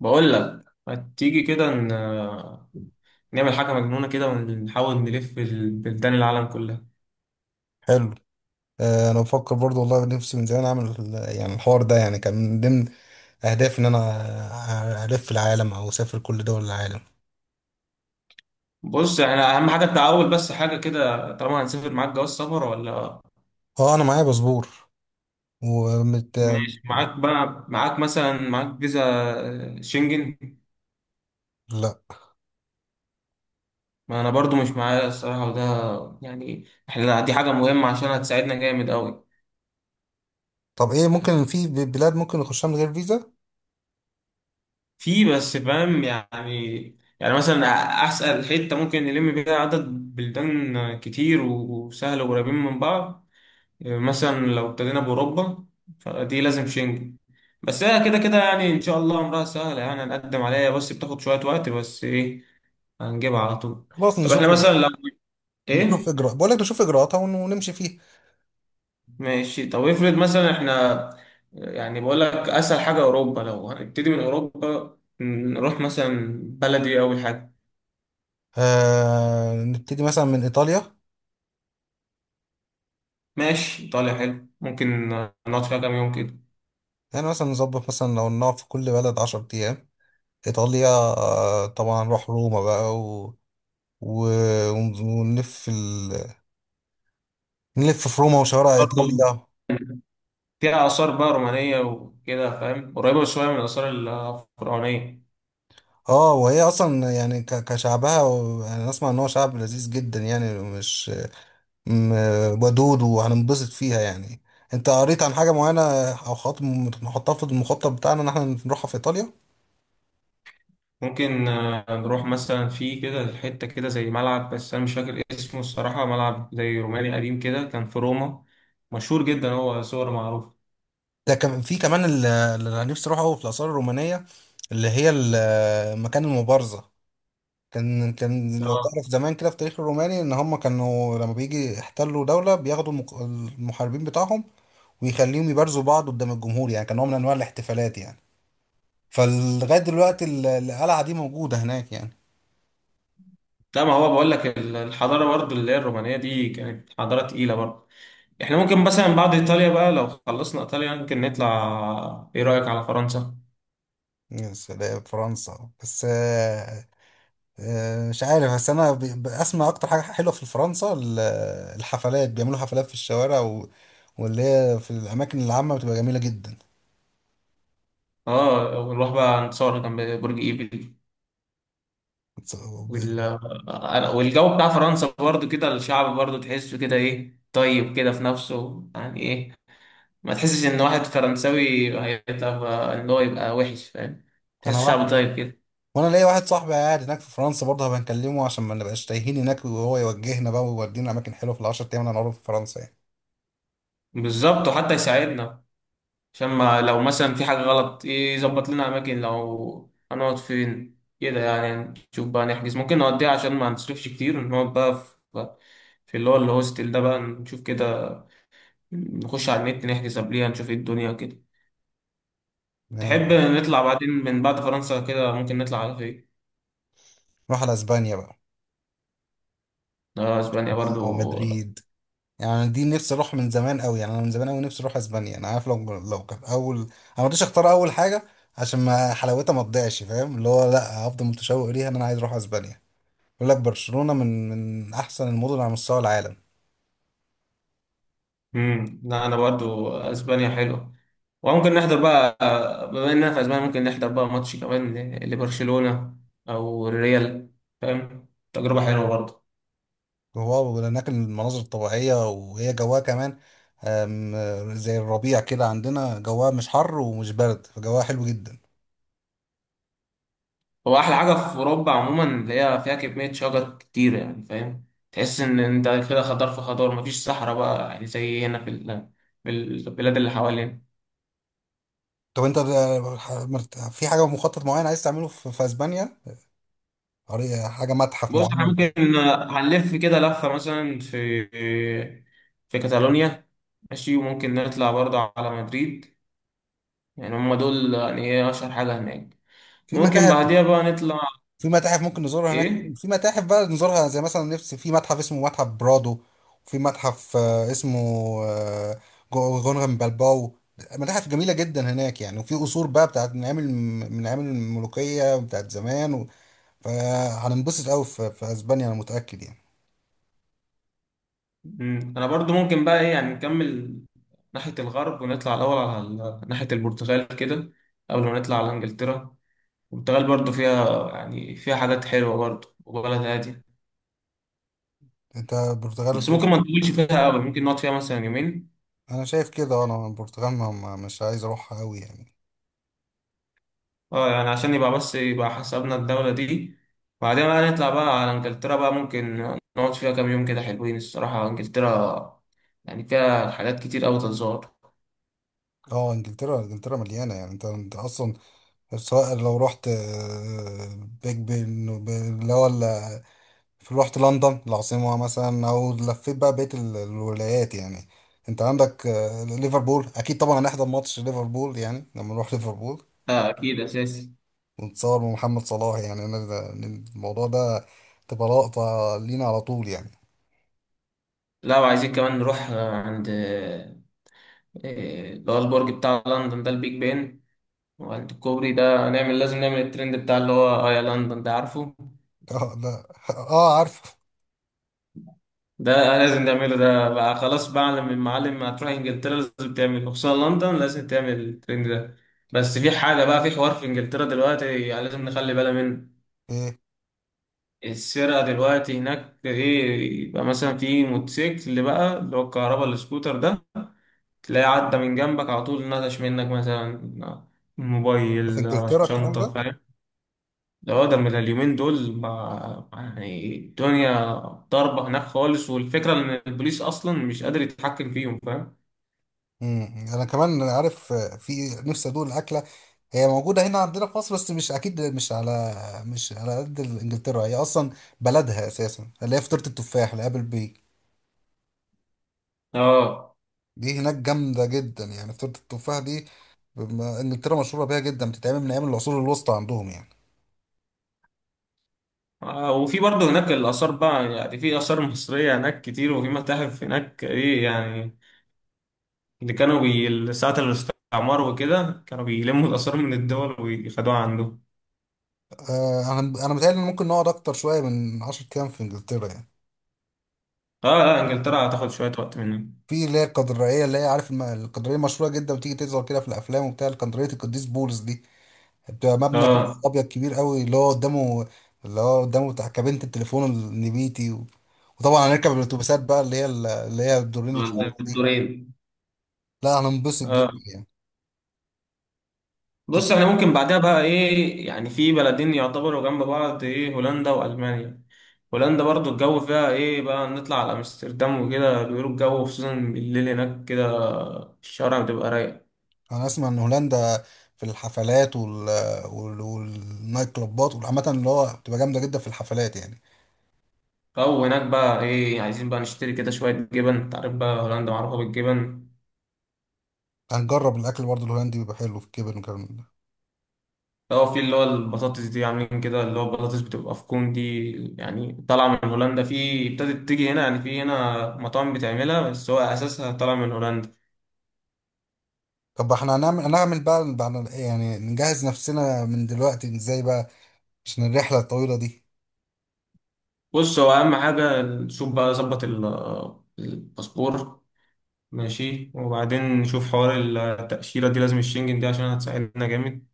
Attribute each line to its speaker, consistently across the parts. Speaker 1: بقول لك ما تيجي كده نعمل حاجة مجنونة كده ونحاول نلف بلدان العالم كلها.
Speaker 2: حلو. انا بفكر برضو والله نفسي من زمان اعمل يعني الحوار ده يعني كان من ضمن اهدافي ان انا الف العالم او اسافر كل دول العالم.
Speaker 1: بص احنا أهم حاجة التعاون، بس حاجة كده، طالما هنسافر معاك جواز سفر ولا؟
Speaker 2: اه، انا معايا باسبور ومت.
Speaker 1: ماشي، معاك بقى، معاك مثلا فيزا شنجن.
Speaker 2: لا.
Speaker 1: ما أنا برضو مش معايا الصراحة، وده يعني دي حاجة مهمة عشان هتساعدنا جامد أوي.
Speaker 2: طب ايه ممكن في بلاد ممكن نخشها من غير فيزا؟
Speaker 1: في، بس فاهم يعني، يعني، أسأل حتة ممكن نلم بيها عدد بلدان كتير وسهل وقريبين من بعض. مثلا لو ابتدينا بأوروبا فدي لازم شنجن، بس هي كده كده يعني إن شاء الله أمرها سهلة، يعني هنقدم عليها بس بتاخد شوية وقت، بس إيه، هنجيبها على طول.
Speaker 2: خلاص
Speaker 1: طب
Speaker 2: نشوف.
Speaker 1: إحنا مثلا لو
Speaker 2: نشوف
Speaker 1: إيه،
Speaker 2: اجراء، بقول لك نشوف اجراءاتها ونمشي فيها.
Speaker 1: ماشي. طب افرض مثلا إحنا، يعني بقول لك أسهل حاجة أوروبا، لو هنبتدي من أوروبا نروح مثلا بلدي أول حاجة.
Speaker 2: آه، نبتدي مثلا من ايطاليا.
Speaker 1: ماشي، إيطاليا حلو، ممكن نقعد فيها كام يوم كده.
Speaker 2: يعني مثلا نظبط مثلا لو نقعد في كل بلد 10 ايام. ايطاليا، آه طبعا نروح روما بقى و... و... ونلف نلف في روما وشوارع
Speaker 1: برضه
Speaker 2: ايطاليا.
Speaker 1: فيها آثار بقى رومانية وكده، فاهم، قريبة شوية من الآثار الفرعونية.
Speaker 2: اه، وهي اصلا يعني كشعبها يعني اسمع ان هو شعب لذيذ جدا يعني، مش ودود، وهننبسط فيها يعني. انت قريت عن حاجه معينه او خط نحطها في المخطط بتاعنا ان احنا نروحها في ايطاليا؟
Speaker 1: ممكن نروح مثلا في كده حتة كده زي ملعب، بس أنا مش فاكر اسمه الصراحة، ملعب زي روماني قديم كده كان في روما، مشهور جدا، هو صور معروف.
Speaker 2: ده كان في كمان اللي انا نفسي اروحه أوي في الاثار الرومانيه، اللي هي مكان المبارزه. كان، كان لو تعرف
Speaker 1: اه
Speaker 2: زمان كده في التاريخ الروماني ان هم كانوا لما بيجي يحتلوا دوله بياخدوا المحاربين بتاعهم ويخليهم يبارزوا بعض قدام الجمهور، يعني كان نوع من انواع الاحتفالات يعني. فلغايه دلوقتي القلعه دي موجوده هناك يعني.
Speaker 1: لا، ما هو بقول لك الحضارة برضو اللي هي الرومانية دي كانت حضارة تقيلة برضو. احنا ممكن مثلا بعد إيطاليا بقى، لو خلصنا إيطاليا ممكن نطلع، إيه رأيك على فرنسا؟
Speaker 2: يا سلام فرنسا! بس مش عارف، بس انا بسمع اكتر حاجه حلوه في فرنسا الحفلات. بيعملوا حفلات في الشوارع، واللي هي في الاماكن العامه بتبقى جميله جدا.
Speaker 1: اه ونروح بقى نتصور جنب برج إيفل.
Speaker 2: بس- وب-
Speaker 1: والجو بتاع فرنسا برضو كده، الشعب برضو تحسه كده إيه، طيب كده في نفسه يعني إيه، ما تحسش ان واحد فرنساوي هيبقى ان هو يبقى وحش، فاهم،
Speaker 2: انا
Speaker 1: تحس شعب
Speaker 2: واحد،
Speaker 1: طيب كده.
Speaker 2: وانا ليا واحد صاحبي قاعد هناك في فرنسا برضه، هبقى نكلمه عشان ما نبقاش تايهين هناك، وهو يوجهنا بقى ويودينا اماكن حلوه في العشر ايام اللي هنقعدهم في فرنسا يعني.
Speaker 1: بالظبط، وحتى يساعدنا عشان ما، لو مثلا في حاجة غلط يظبط لنا اماكن لو هنقعد فين كده، يعني نشوف بقى نحجز، ممكن نوديها عشان ما نصرفش كتير، نقعد بقى في، في اللي هو الهوستل ده بقى، نشوف كده، نخش على النت نحجز قبليها، نشوف ايه الدنيا كده. تحب نطلع بعدين من بعد فرنسا كده، ممكن نطلع على فين؟
Speaker 2: نروح على اسبانيا بقى.
Speaker 1: اسبانيا
Speaker 2: برشلونة
Speaker 1: برضو.
Speaker 2: ومدريد. يعني أنا دي نفسي اروح من زمان قوي، يعني انا من زمان قوي نفسي اروح اسبانيا. انا عارف لو كان اول، انا ما رضيتش اختار اول حاجه عشان ما حلاوتها ما تضيعش، فاهم؟ اللي هو لا، هفضل متشوق ليها ان انا عايز اروح اسبانيا. بيقول لك برشلونه من احسن المدن على مستوى العالم.
Speaker 1: لا، انا برضو اسبانيا حلوه، وممكن نحضر بقى، بما اننا في اسبانيا ممكن نحضر بقى ماتش كمان لبرشلونه او الريال، فاهم، تجربه حلوه برضو.
Speaker 2: وهو هناك المناظر الطبيعيه وهي جواها كمان، زي الربيع كده عندنا، جواها مش حر ومش برد، فجواها حلو جدا.
Speaker 1: هو احلى حاجه في اوروبا عموما اللي هي فيها كميه شجر كتير، يعني فاهم، تحس ان انت كده خضار في خضار، مفيش صحراء بقى يعني زي هنا في في البلاد اللي حوالينا.
Speaker 2: طب انت في حاجه مخطط معين عايز تعمله في اسبانيا؟ حاجه متحف
Speaker 1: بص احنا
Speaker 2: معين؟
Speaker 1: ممكن هنلف كده لفه مثلا في، في كاتالونيا، ماشي، وممكن نطلع برضو على مدريد. يعني هم دول يعني ايه اشهر حاجة هناك.
Speaker 2: في
Speaker 1: ممكن
Speaker 2: متاحف.
Speaker 1: بعديها بقى نطلع،
Speaker 2: في متاحف ممكن نزورها هناك.
Speaker 1: ايه.
Speaker 2: في متاحف بقى نزورها، زي مثلا نفسي في متحف اسمه متحف برادو، وفي متحف اسمه، آه، غونغن بالباو. متاحف جميلة جدا هناك يعني، وفي قصور بقى بتاعت من أيام الملوكية بتاعت زمان. و... فهننبسط قوي في أسبانيا، أنا متأكد يعني.
Speaker 1: انا برضو ممكن بقى ايه، يعني نكمل ناحية الغرب ونطلع الاول على ناحية البرتغال كده، قبل ما نطلع على انجلترا. البرتغال برضو فيها يعني فيها حاجات حلوة برضو، وبلد هادية،
Speaker 2: أنت البرتغال
Speaker 1: بس
Speaker 2: ت-
Speaker 1: ممكن ما نطولش فيها قوي، ممكن نقعد فيها مثلا يومين.
Speaker 2: أنا شايف كده، أنا البرتغال مش عايز أروحها قوي يعني.
Speaker 1: اه يعني عشان يبقى، بس يبقى حسبنا الدولة دي. بعدين بقى نطلع بقى على انجلترا بقى، ممكن نقعد فيها كام يوم كده، حلوين الصراحة انجلترا، يعني فيها حاجات كتير أوي تتزار.
Speaker 2: اه، انجلترا، انجلترا مليانة يعني. انت اصلا، سواء لو رحت بيج بن رحت لندن العاصمة مثلا، أو لفيت بقى بقية الولايات يعني. أنت عندك ليفربول. أكيد طبعا هنحضر ماتش ليفربول يعني لما نروح ليفربول،
Speaker 1: اه أكيد أساسي.
Speaker 2: ونتصور مع محمد صلاح. يعني أنا الموضوع ده تبقى لقطة لينا على طول يعني.
Speaker 1: لا، وعايزين كمان نروح آه، عند آه، اللي هو البرج بتاع لندن ده، البيج بن، وعند الكوبري ده نعمل، لازم نعمل الترند بتاع اللي هو اه يا لندن ده، عارفه،
Speaker 2: اه، لا، اه، عارفه.
Speaker 1: ده لازم تعمله ده بقى، خلاص بقى، من معلم، ما تروح انجلترا لازم تعمل، خصوصا لندن لازم تعمل الترند ده. بس في حاجة بقى، في حوار في انجلترا دلوقتي يعني لازم نخلي بالنا منه.
Speaker 2: ايه
Speaker 1: السرقة دلوقتي هناك، ايه، يبقى مثلا في موتوسيكل اللي بقى اللي هو الكهرباء، السكوتر ده، تلاقيه عدى من جنبك على طول، نطش منك مثلا
Speaker 2: في
Speaker 1: موبايل،
Speaker 2: انجلترا الكلام
Speaker 1: شنطة،
Speaker 2: ده؟
Speaker 1: فاهم، ده هو ده من اليومين دول ما يعني، الدنيا ضاربة هناك خالص، والفكرة إن البوليس أصلا مش قادر يتحكم فيهم فاهم؟
Speaker 2: مم. انا كمان عارف، في نفسي ادوق الاكله. هي موجوده هنا عندنا في مصر بس مش اكيد، مش على، مش على قد انجلترا. هي اصلا بلدها اساسا، اللي هي فطيره التفاح اللي ابل بي.
Speaker 1: آه.
Speaker 2: دي هناك جامده جدا يعني، فطيره التفاح دي. انجلترا مشهوره بيها جدا، بتتعمل من ايام العصور الوسطى عندهم يعني.
Speaker 1: وفي برضه هناك الآثار بقى، يعني في آثار مصرية هناك كتير، وفي متاحف هناك إيه يعني، اللي كانوا بي ساعة الاستعمار وكده كانوا بيلموا الآثار من الدول ويخدوها عندهم.
Speaker 2: آه، انا متهيألي ان ممكن نقعد اكتر شويه من 10 ايام في انجلترا يعني.
Speaker 1: آه. آه، إنجلترا هتاخد شوية وقت منهم.
Speaker 2: في اللي هي القدرية، اللي هي عارف، القدرية مشهورة جدا، بتيجي تظهر كده في الأفلام وبتاع، القدرية القديس بولس دي، بتبقى مبنى كده
Speaker 1: آه،
Speaker 2: ابيض كبير قوي، اللي هو قدامه، اللي هو قدامه بتاع كابينة التليفون النبيتي. وطبعا هنركب الاتوبيسات بقى، اللي هي الدورين
Speaker 1: عند
Speaker 2: الحمراء دي.
Speaker 1: الدكتورين.
Speaker 2: لا، هننبسط
Speaker 1: آه.
Speaker 2: جدا يعني.
Speaker 1: بص احنا ممكن بعدها بقى ايه، يعني في بلدين يعتبروا جنب بعض، ايه، هولندا والمانيا. هولندا برضو الجو فيها ايه، بقى نطلع على امستردام وكده بيقولوا الجو خصوصا بالليل هناك كده، الشوارع بتبقى رايقة.
Speaker 2: انا اسمع ان هولندا في الحفلات، والنايت كلوبات، وعامة اللي هو بتبقى جامدة جدا في الحفلات يعني.
Speaker 1: او هناك بقى ايه، عايزين بقى نشتري كده شوية جبن، انت عارف بقى هولندا معروفة بالجبن.
Speaker 2: هنجرب الاكل برضه الهولندي بيبقى حلو في الكبن والكلام ده.
Speaker 1: لو في اللي هو البطاطس دي عاملين كده، اللي هو البطاطس بتبقى في كون دي، يعني طالعة من هولندا، في ابتدت تيجي هنا، يعني في هنا مطاعم بتعملها، بس هو اساسها طالع من هولندا.
Speaker 2: طب احنا هنعمل بقى بعد، يعني نجهز نفسنا من دلوقتي ازاي بقى عشان الرحلة الطويلة دي؟
Speaker 1: بص هو اهم حاجه نشوف بقى ظبط الباسبور. ماشي، وبعدين نشوف حوار التاشيره دي، لازم الشنجن دي عشان هتساعدنا جامد.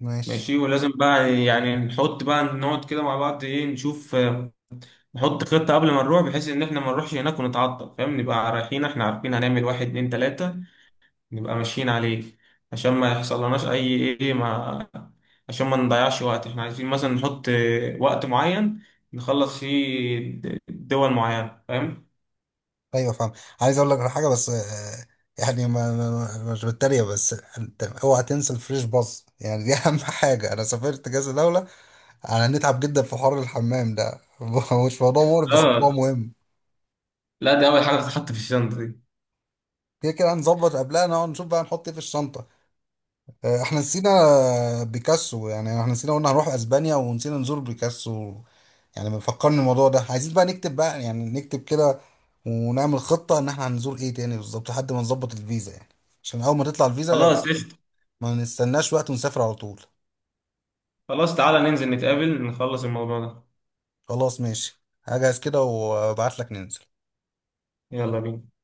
Speaker 2: ماشي.
Speaker 1: ماشي، ولازم بقى يعني نحط بقى، نقعد كده مع بعض ايه، نشوف نحط خطه قبل ما نروح، بحيث ان احنا ما نروحش هناك ونتعطل، فاهم، نبقى رايحين احنا عارفين هنعمل واحد اتنين تلاته، نبقى ماشيين عليه، عشان ما يحصل لناش اي ايه ما، عشان ما نضيعش وقت، احنا عايزين مثلا نحط وقت معين نخلص فيه دول معينة، فاهم.
Speaker 2: ايوه فاهم. عايز اقول لك على حاجه بس، يعني مش بتريق، بس انت اوعى تنسى الفريش باص يعني، دي اهم حاجه. انا سافرت كذا دوله، انا نتعب جدا في حوار الحمام ده. مش موضوع مقرف بس موضوع
Speaker 1: اه
Speaker 2: مهم.
Speaker 1: لا، دي اول حاجة بتتحط في الشنطة دي.
Speaker 2: كده كده هنظبط قبلها، نقعد نشوف بقى نحط ايه في الشنطه. آه، احنا نسينا بيكاسو! يعني احنا نسينا، قلنا هنروح اسبانيا ونسينا نزور بيكاسو. يعني ما فكرني الموضوع ده، عايزين بقى نكتب بقى يعني، نكتب كده ونعمل خطه ان احنا هنزور ايه تاني بالظبط لحد ما نظبط الفيزا يعني. عشان اول ما تطلع الفيزا
Speaker 1: خلاص قشطة.
Speaker 2: ما نستناش وقت ونسافر على طول.
Speaker 1: خلاص تعالى ننزل نتقابل نخلص الموضوع ده.
Speaker 2: خلاص ماشي، هجهز كده وابعت لك ننزل.
Speaker 1: يلا بينا.